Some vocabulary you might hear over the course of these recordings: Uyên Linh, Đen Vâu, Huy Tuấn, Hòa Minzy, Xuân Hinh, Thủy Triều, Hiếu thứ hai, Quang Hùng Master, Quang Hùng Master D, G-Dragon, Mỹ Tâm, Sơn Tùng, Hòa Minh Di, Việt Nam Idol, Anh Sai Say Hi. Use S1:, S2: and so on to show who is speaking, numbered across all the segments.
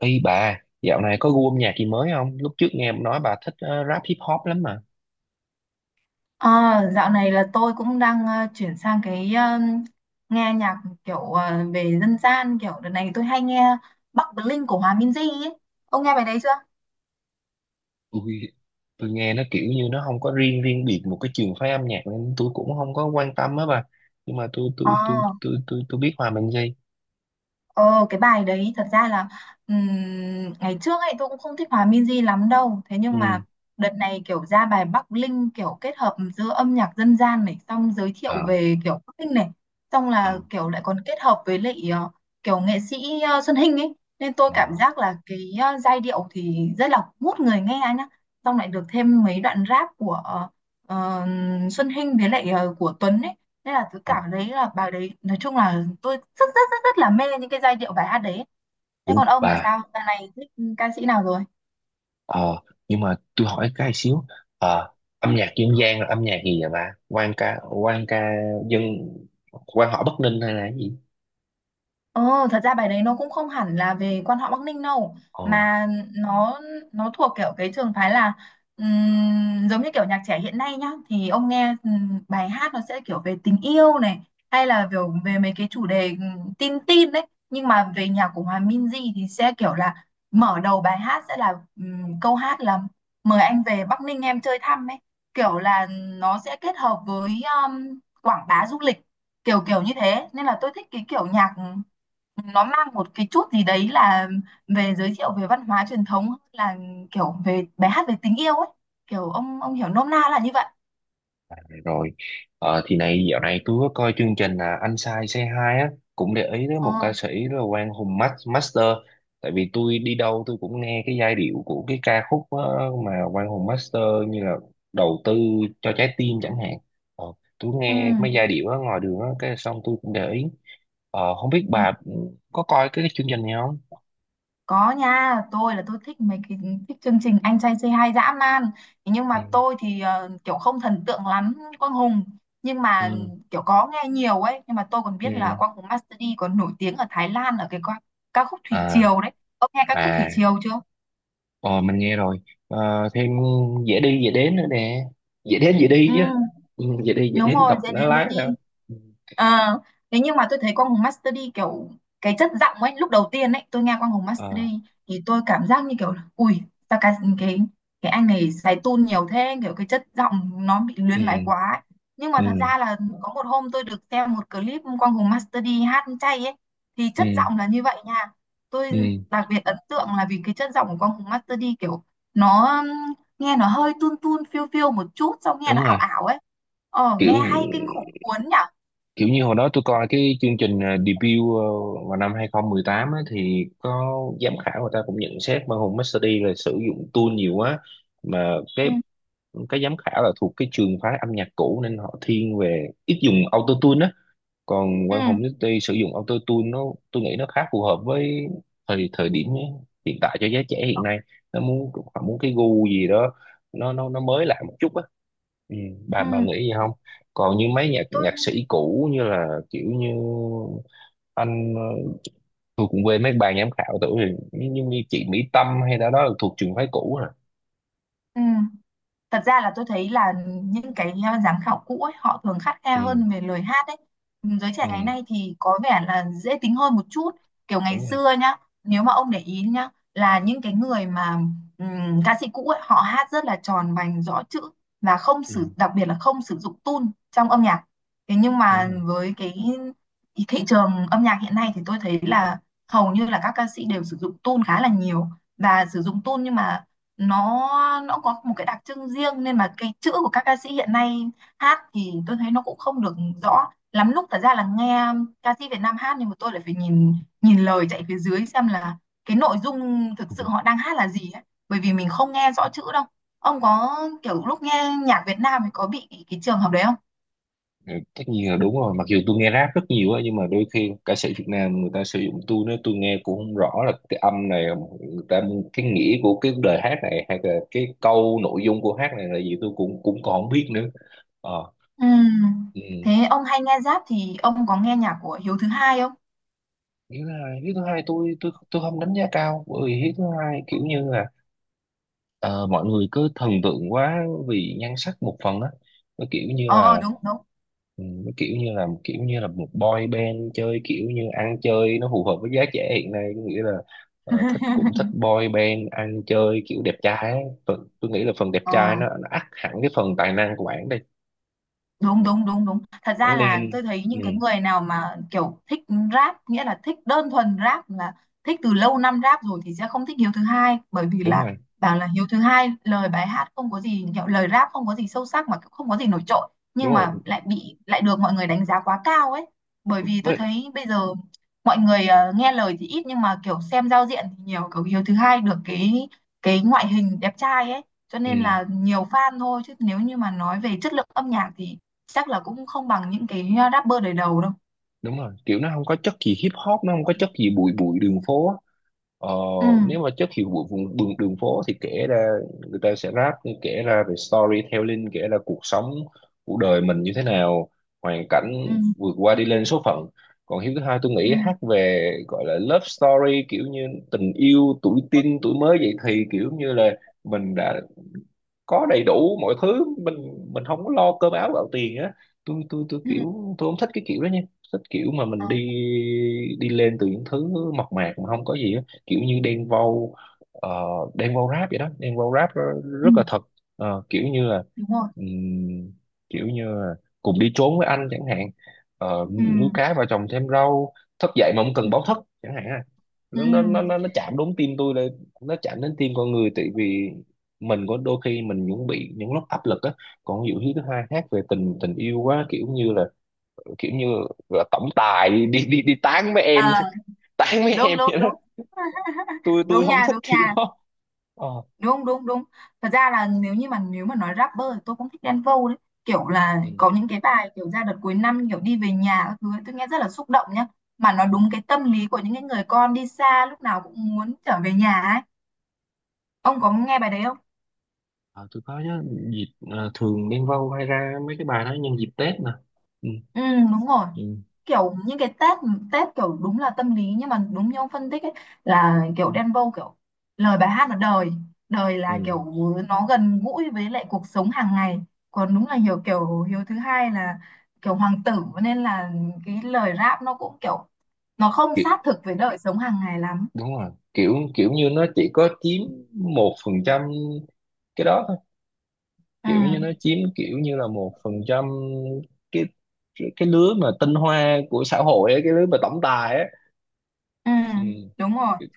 S1: Ý bà, dạo này có gu âm nhạc gì mới không? Lúc trước nghe nói bà thích rap hip hop lắm mà.
S2: À, dạo này là tôi cũng đang chuyển sang cái nghe nhạc kiểu về dân gian kiểu đợt này tôi hay nghe Bắc Bling của Hòa Minzy ấy. Ông nghe bài đấy chưa?
S1: Ui, tôi nghe nó kiểu như nó không có riêng riêng biệt một cái trường phái âm nhạc nên tôi cũng không có quan tâm á bà. Nhưng mà tôi tôi
S2: Ờ.
S1: tôi tôi tôi tôi biết Hòa Minh Di.
S2: Ờ cái bài đấy thật ra là ngày trước ấy tôi cũng không thích Hòa Minzy lắm đâu, thế
S1: Ừ.
S2: nhưng mà đợt này kiểu ra bài Bắc Linh, kiểu kết hợp giữa âm nhạc dân gian này, xong giới thiệu
S1: Ờ,
S2: về kiểu Bắc Linh này, xong
S1: ờ,
S2: là kiểu lại còn kết hợp với lại kiểu nghệ sĩ Xuân Hinh ấy, nên tôi cảm
S1: ờ.
S2: giác là cái giai điệu thì rất là hút người nghe anh nhá, xong lại được thêm mấy đoạn rap của ờ, Xuân Hinh với lại của Tuấn ấy, nên là tôi
S1: Ờ.
S2: cảm thấy là bài đấy nói chung là tôi rất rất rất rất là mê những cái giai điệu bài hát đấy. Thế
S1: Ủa
S2: còn ông là
S1: bà,
S2: sao, dạo này thích ca sĩ nào rồi?
S1: ờ nhưng mà tôi hỏi cái xíu. Ờ Âm nhạc dân gian là âm nhạc gì vậy bà? Quan ca dân quan họ Bắc Ninh hay là cái gì?
S2: Ờ, thật ra bài đấy nó cũng không hẳn là về quan họ Bắc Ninh đâu,
S1: Ờ.
S2: mà nó nó thuộc kiểu cái trường phái là giống như kiểu nhạc trẻ hiện nay nhá, thì ông nghe bài hát nó sẽ kiểu về tình yêu này, hay là kiểu về mấy cái chủ đề tin tin đấy, nhưng mà về nhạc của Hòa Minzy thì sẽ kiểu là mở đầu bài hát sẽ là câu hát là mời anh về Bắc Ninh em chơi thăm ấy, kiểu là nó sẽ kết hợp với quảng bá du lịch kiểu kiểu như thế, nên là tôi thích cái kiểu nhạc nó mang một cái chút gì đấy là về giới thiệu về văn hóa truyền thống hơn là kiểu về bài hát về tình yêu ấy, kiểu ông hiểu nôm na là như vậy.
S1: Rồi, thì này dạo này tôi có coi chương trình là Anh Sai Say Hi á, cũng để ý tới
S2: Ờ.
S1: một ca sĩ là Quang Hùng Master. Tại vì tôi đi đâu tôi cũng nghe cái giai điệu của cái ca khúc mà Quang Hùng Master như là đầu tư cho trái tim chẳng hạn. Ờ, tôi
S2: Ừ.
S1: nghe mấy giai điệu đó ngoài đường á, cái xong tôi cũng để ý. Không biết
S2: Ừ.
S1: bà có coi cái chương trình này không?
S2: Có nha, tôi là tôi thích mấy cái, thích chương trình anh trai say hi dã man. Thế nhưng
S1: Ừ.
S2: mà tôi thì kiểu không thần tượng lắm Quang Hùng, nhưng mà
S1: Ừ.
S2: kiểu có nghe nhiều ấy, nhưng mà tôi còn
S1: Ừ.
S2: biết là Quang Hùng Master D còn nổi tiếng ở Thái Lan ở cái ca khúc Thủy
S1: À,
S2: Triều đấy. Ông nghe ca khúc Thủy
S1: à.
S2: Triều chưa?
S1: Ờ, mình nghe rồi. Thêm dễ đi dễ đến nữa nè, dễ đến dễ đi
S2: Ừ,
S1: chứ. Dễ đi dễ
S2: đúng
S1: đến
S2: rồi,
S1: đọc
S2: dễ
S1: nó
S2: đến dễ
S1: lái
S2: đi.
S1: thôi. Ừ.
S2: À, thế nhưng mà tôi thấy Quang Hùng Master D kiểu cái chất giọng ấy, lúc đầu tiên ấy, tôi nghe Quang Hùng Master D
S1: Ờ.
S2: thì tôi cảm giác như kiểu là, ui, sao cái cái anh này xài tune nhiều thế, kiểu cái chất giọng nó bị luyến
S1: Ừ.
S2: láy quá ấy. Nhưng mà
S1: Ừ.
S2: thật ra là có một hôm tôi được xem một clip Quang Hùng Master D hát chay ấy, thì
S1: Ừ.
S2: chất giọng là như vậy nha. Tôi
S1: Ừ.
S2: đặc biệt ấn tượng là vì cái chất giọng của Quang Hùng Master D kiểu nó nghe nó hơi tun tun phiêu phiêu một chút, xong nghe
S1: Đúng
S2: nó ảo
S1: rồi,
S2: ảo ấy, ờ
S1: kiểu
S2: nghe hay kinh khủng cuốn nhở.
S1: kiểu như hồi đó tôi coi cái chương trình debut, vào năm 2018 á, thì có giám khảo người ta cũng nhận xét mà Hùng Master là sử dụng tool nhiều quá mà cái
S2: Ừ.
S1: cái giám khảo là thuộc cái trường phái âm nhạc cũ nên họ thiên về ít dùng auto, còn
S2: Ừ.
S1: Quang Hùng City sử dụng auto tune nó, tôi nghĩ nó khá phù hợp với thời thời điểm hiện tại cho giới trẻ hiện nay, nó muốn họ muốn cái gu gì đó nó mới lạ một chút á. ừ, bà
S2: Ừ.
S1: bà nghĩ gì không, còn như mấy nhạc
S2: Tôi,
S1: nhạc sĩ cũ như là kiểu như anh tôi cũng quên mấy bài giám khảo tuổi rồi như chị Mỹ Tâm hay đó đó là thuộc trường phái cũ rồi.
S2: ừ, thật ra là tôi thấy là những cái giám khảo cũ ấy, họ thường khắt khe
S1: Ừ.
S2: hơn về lời hát ấy, giới trẻ
S1: Ừ.
S2: ngày nay thì có vẻ là dễ tính hơn một chút, kiểu ngày
S1: Đúng rồi.
S2: xưa nhá, nếu mà ông để ý nhá là những cái người mà ca sĩ cũ ấy họ hát rất là tròn vành rõ chữ và không
S1: Ừ.
S2: sử, đặc biệt là không sử dụng tune trong âm nhạc, thế nhưng
S1: Đúng
S2: mà
S1: rồi.
S2: với cái thị trường âm nhạc hiện nay thì tôi thấy là hầu như là các ca sĩ đều sử dụng tune khá là nhiều, và sử dụng tune nhưng mà nó nó có một cái đặc trưng riêng, nên mà cái chữ của các ca sĩ hiện nay hát thì tôi thấy nó cũng không được rõ lắm lúc, thật ra là nghe ca sĩ Việt Nam hát nhưng mà tôi lại phải nhìn nhìn lời chạy phía dưới xem là cái nội dung thực sự họ đang hát là gì ấy. Bởi vì mình không nghe rõ chữ đâu. Ông có kiểu lúc nghe nhạc Việt Nam thì có bị cái trường hợp đấy không?
S1: Ừ, tất nhiên là đúng rồi, mặc dù tôi nghe rap rất nhiều á nhưng mà đôi khi ca sĩ Việt Nam người ta sử dụng tôi nữa tôi nghe cũng không rõ là cái âm này người ta, cái nghĩa của cái lời hát này hay là cái câu nội dung của hát này là gì tôi cũng cũng còn không biết nữa. Ờ.
S2: Ừm.
S1: Ừ.
S2: Thế ông hay nghe rap thì ông có nghe nhạc của Hiếu thứ hai không?
S1: Hiếu thứ hai, tôi không đánh giá cao, bởi vì hiếu thứ hai kiểu như là ờ, mọi người cứ thần tượng quá vì nhan sắc một phần á. Nó kiểu như
S2: Ờ
S1: là.
S2: đúng đúng.
S1: Ừ, nó kiểu như là một boy band chơi kiểu như ăn chơi nó phù hợp với giá trẻ hiện nay, có nghĩa là thích cũng thích boy band ăn chơi kiểu đẹp trai ấy. Phần, tôi nghĩ là phần đẹp
S2: Ờ
S1: trai nó ắt hẳn cái phần tài năng của bạn đây.
S2: đúng
S1: Ừ.
S2: đúng đúng đúng thật ra
S1: Bạn
S2: là
S1: nên.
S2: tôi thấy
S1: Ừ,
S2: những cái người nào mà kiểu thích rap, nghĩa là thích đơn thuần rap, là thích từ lâu năm rap rồi, thì sẽ không thích Hiếu thứ hai, bởi vì
S1: đúng
S2: là
S1: rồi.
S2: bảo là Hiếu thứ hai lời bài hát không có gì, kiểu lời rap không có gì sâu sắc mà cũng không có gì nổi trội,
S1: Đúng
S2: nhưng
S1: rồi
S2: mà lại bị lại được mọi người đánh giá quá cao ấy, bởi vì tôi
S1: với.
S2: thấy bây giờ mọi người nghe lời thì ít nhưng mà kiểu xem giao diện thì nhiều, kiểu Hiếu thứ hai được cái ngoại hình đẹp trai ấy, cho nên
S1: Ừ.
S2: là nhiều fan thôi, chứ nếu như mà nói về chất lượng âm nhạc thì chắc là cũng không bằng những cái rapper đời đầu đâu.
S1: Đúng rồi, kiểu nó không có chất gì hip hop, nó không có chất gì bụi bụi đường phố á. ờ,
S2: Ừ.
S1: Nếu mà chất gì bụi vùng đường phố thì kể ra người ta sẽ rap, kể ra về storytelling, kể ra cuộc sống, cuộc đời mình như thế nào, hoàn cảnh
S2: Ừ.
S1: vượt qua đi lên số phận. Còn hiếu thứ hai tôi
S2: Ừ.
S1: nghĩ hát về gọi là love story, kiểu như tình yêu tuổi teen tuổi mới dậy thì, kiểu như là mình đã có đầy đủ mọi thứ, mình không có lo cơm áo gạo tiền á. Tôi
S2: Ừ.
S1: kiểu tôi không thích cái kiểu đó nha, thích kiểu mà
S2: Ờ.
S1: mình đi, đi lên từ những thứ mộc mạc mà không có gì á, kiểu như đen vâu. Ờ, đen vâu rap vậy đó, đen vâu
S2: Ừ,
S1: rất là thật. Ờ, kiểu như là,
S2: đúng rồi.
S1: ừm, kiểu như là cùng đi trốn với anh chẳng hạn. Ờ,
S2: Ừ.
S1: Nuôi cá vào trồng thêm rau, thức dậy mà không
S2: Ừ.
S1: cần báo thức chẳng hạn à.
S2: Ừ.
S1: Nó chạm đúng tim tôi đây, nó chạm đến tim con người, tại vì mình có đôi khi mình cũng bị những lúc áp lực á. Còn ví dụ như thứ hai khác về tình tình yêu quá, kiểu như là, kiểu như là tổng tài đi tán với em.
S2: À,
S1: Tán với
S2: đúng
S1: em
S2: đúng
S1: vậy đó.
S2: đúng.
S1: Tôi
S2: Đúng
S1: không
S2: nha,
S1: thích
S2: đúng
S1: kiểu
S2: nha.
S1: đó. Ờ.
S2: Đúng đúng đúng, thật ra là nếu như mà nếu mà nói rapper thì tôi cũng thích Đen Vâu đấy, kiểu là
S1: Ừ.
S2: có những cái bài kiểu ra đợt cuối năm kiểu đi về nhà các thứ ấy, tôi nghe rất là xúc động nhá, mà nó
S1: Ừ.
S2: đúng cái tâm lý của những cái người con đi xa lúc nào cũng muốn trở về nhà ấy. Ông có nghe bài đấy không?
S1: Ờ, tôi có nhớ dịp thường Đen Vâu hay ra mấy cái bài đó nhân dịp Tết mà. Ừ.
S2: Ừ, đúng rồi,
S1: Ừ.
S2: kiểu những cái Tết Tết kiểu đúng là tâm lý, nhưng mà đúng như ông phân tích ấy, là kiểu Đen Vâu kiểu lời bài hát là đời đời là
S1: Ừ.
S2: kiểu nó gần gũi với lại cuộc sống hàng ngày, còn đúng là hiểu kiểu Hiếu thứ hai là kiểu hoàng tử, nên là cái lời rap nó cũng kiểu nó không
S1: Kiểu
S2: sát thực với đời sống hàng ngày lắm.
S1: đúng rồi, kiểu kiểu như nó chỉ có chiếm 1% cái đó thôi, kiểu như nó
S2: Ừ.
S1: chiếm kiểu như là 1% cái cái lứa mà tinh hoa của xã hội ấy, cái lứa mà tổng tài ấy.
S2: Ừ.
S1: Ừ.
S2: Đúng rồi.
S1: Kiểu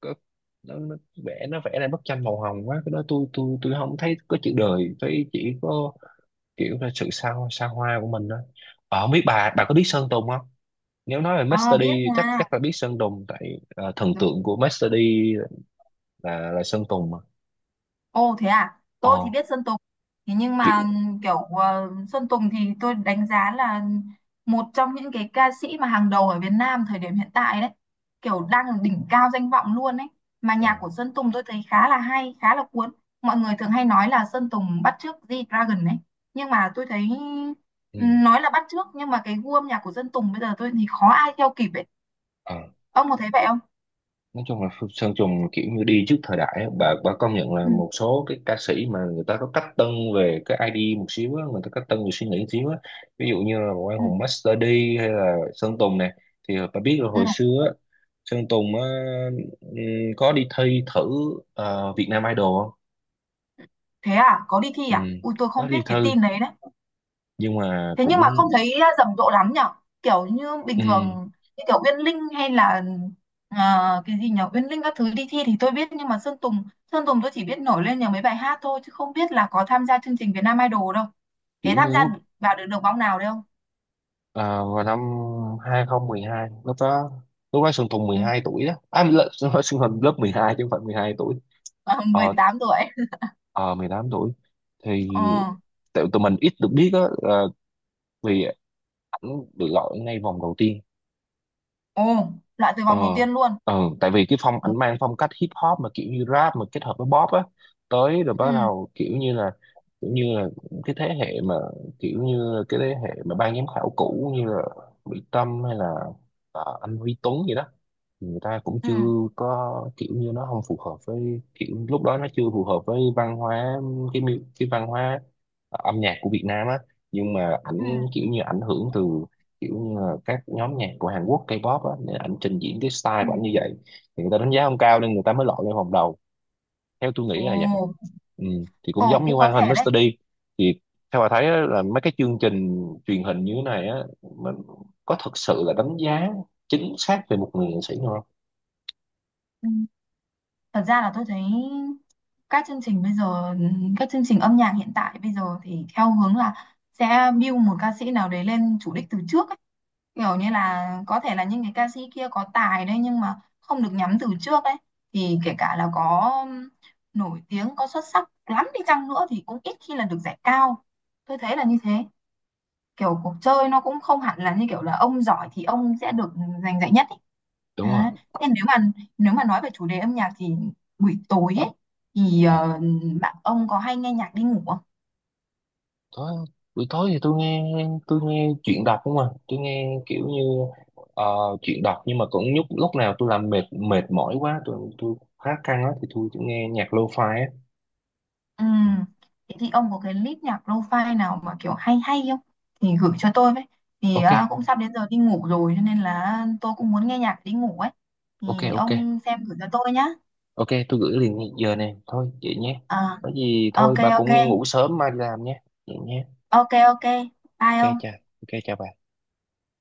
S1: có, nó vẽ, nó vẽ ra bức tranh màu hồng quá, cái đó tôi không thấy có chữ đời, thấy chỉ có kiểu là sự xa xa hoa của mình thôi. Ờ, không biết bà có biết Sơn Tùng không, nếu nói về
S2: Ờ
S1: Master D
S2: biết
S1: chắc
S2: nha.
S1: chắc là biết Sơn Tùng, tại thần
S2: Đúng.
S1: tượng của Master D là Sơn Tùng mà.
S2: Ồ thế à, tôi
S1: Ờ.
S2: thì biết Sơn Tùng. Thế nhưng
S1: Kiểu.
S2: mà kiểu Sơn Tùng thì tôi đánh giá là một trong những cái ca sĩ mà hàng đầu ở Việt Nam thời điểm hiện tại đấy. Kiểu đang ở đỉnh cao danh vọng luôn đấy. Mà
S1: Ờ.
S2: nhạc của Sơn Tùng tôi thấy khá là hay, khá là cuốn. Mọi người thường hay nói là Sơn Tùng bắt chước G-Dragon đấy. Nhưng mà tôi thấy
S1: Ừ.
S2: nói là bắt chước nhưng mà cái gu âm nhạc của Sơn Tùng bây giờ tôi thì khó ai theo kịp ấy.
S1: Ờ.
S2: Ông có thấy vậy không?
S1: Nói chung là Sơn Tùng kiểu như đi trước thời đại á. Bà công nhận là
S2: Ừ.
S1: một số cái ca sĩ mà người ta có cách tân về cái ID một xíu á, người ta cách tân về suy nghĩ một xíu á, ví dụ như là Quang
S2: Ừ.
S1: Hùng Master D hay là Sơn Tùng này, thì bà biết là
S2: Ừ,
S1: hồi xưa á, Sơn Tùng á, ừm, có đi thi thử Việt Nam Idol không?
S2: thế à, có đi thi à?
S1: Ừm,
S2: Ui tôi
S1: có
S2: không
S1: đi
S2: biết
S1: thi
S2: cái tin đấy đấy.
S1: nhưng mà
S2: Thế
S1: cũng,
S2: nhưng mà không thấy à, rầm rộ lắm nhở, kiểu như bình
S1: ừm,
S2: thường như kiểu Uyên Linh hay là, à, cái gì nhở, Uyên Linh các thứ đi thi thì tôi biết nhưng mà Sơn Tùng tôi chỉ biết nổi lên nhờ mấy bài hát thôi chứ không biết là có tham gia chương trình Việt Nam Idol đâu. Thế
S1: kiểu
S2: tham
S1: như
S2: gia
S1: lúc
S2: vào được được vòng nào đấy không?
S1: ờ, vào năm 2012, lúc đó, lúc đó Sơn Tùng
S2: Ừ,
S1: 12 tuổi đó à, lớp, Sơn Tùng lớp 12 chứ không phải 12 tuổi.
S2: à,
S1: Ờ,
S2: 18 tuổi.
S1: ờ, 18 tuổi thì
S2: Ờ.
S1: tại tụi mình ít được biết á, vì ảnh được gọi ngay vòng đầu tiên.
S2: Ồ, loại từ
S1: ờ
S2: vòng đầu tiên luôn.
S1: ờ, Tại vì cái phong
S2: Ừ.
S1: ảnh mang phong cách hip hop mà kiểu như rap mà kết hợp với pop á, tới rồi
S2: Ừ.
S1: bắt đầu kiểu như là, kiểu như là cái thế hệ mà, kiểu như cái thế hệ mà ban giám khảo cũ như là Mỹ Tâm hay là anh Huy Tuấn gì đó, người ta cũng
S2: Ừ.
S1: chưa có, kiểu như nó không phù hợp với kiểu lúc đó nó chưa phù hợp với văn hóa, cái văn hóa âm nhạc của Việt Nam á, nhưng mà ảnh
S2: Ừ.
S1: kiểu như ảnh hưởng từ kiểu như là các nhóm nhạc của Hàn Quốc K-pop á, nên ảnh trình diễn cái style
S2: Ừ.
S1: của ảnh như vậy thì người ta đánh giá không cao nên người ta mới lọt lên vòng đầu, theo tôi nghĩ
S2: Ồ.
S1: là vậy. Ừ. Thì cũng
S2: Ồ
S1: giống như
S2: cũng có
S1: Hoàng Hình
S2: thể đấy.
S1: Mr. D thì theo bà thấy á, là mấy cái chương trình truyền hình như thế này á, mình có thực sự là đánh giá chính xác về một người nghệ sĩ không?
S2: Ừ. Thật ra là tôi thấy các chương trình bây giờ, các chương trình âm nhạc hiện tại bây giờ thì theo hướng là sẽ build một ca sĩ nào đấy lên chủ đích từ trước ấy. Kiểu như là có thể là những cái ca sĩ kia có tài đấy nhưng mà không được nhắm từ trước ấy. Thì kể cả là có nổi tiếng, có xuất sắc lắm đi chăng nữa thì cũng ít khi là được giải cao. Tôi thấy là như thế, kiểu cuộc chơi nó cũng không hẳn là như kiểu là ông giỏi thì ông sẽ được giành giải nhất ấy.
S1: Đúng
S2: Đấy.
S1: rồi.
S2: Thế nếu mà nói về chủ đề âm nhạc thì buổi tối ấy, thì
S1: Ừ.
S2: bạn ông có hay nghe nhạc đi ngủ không?
S1: tối Buổi tối thì tôi nghe chuyện đọc không à, tôi nghe kiểu như ờ, chuyện đọc, nhưng mà cũng lúc lúc nào tôi làm mệt mệt mỏi quá, tôi khá căng á thì tôi chỉ nghe nhạc lo-fi á.
S2: Ừ.
S1: Ừ.
S2: Thế thì ông có cái list nhạc lo-fi nào mà kiểu hay hay không? Thì gửi cho tôi với. Thì
S1: Ok.
S2: à, cũng sắp đến giờ đi ngủ rồi cho nên là tôi cũng muốn nghe nhạc đi ngủ ấy. Thì
S1: Ok, ok.
S2: ông xem gửi cho tôi nhá.
S1: Ok, tôi gửi liền ngay giờ này thôi vậy nhé.
S2: À,
S1: Có gì thôi
S2: ok
S1: bà cũng
S2: ok.
S1: ngủ sớm mai đi làm nhé, vậy nhé.
S2: Ok ok. Bye
S1: Ok,
S2: ông.
S1: chào. Ok, chào bà.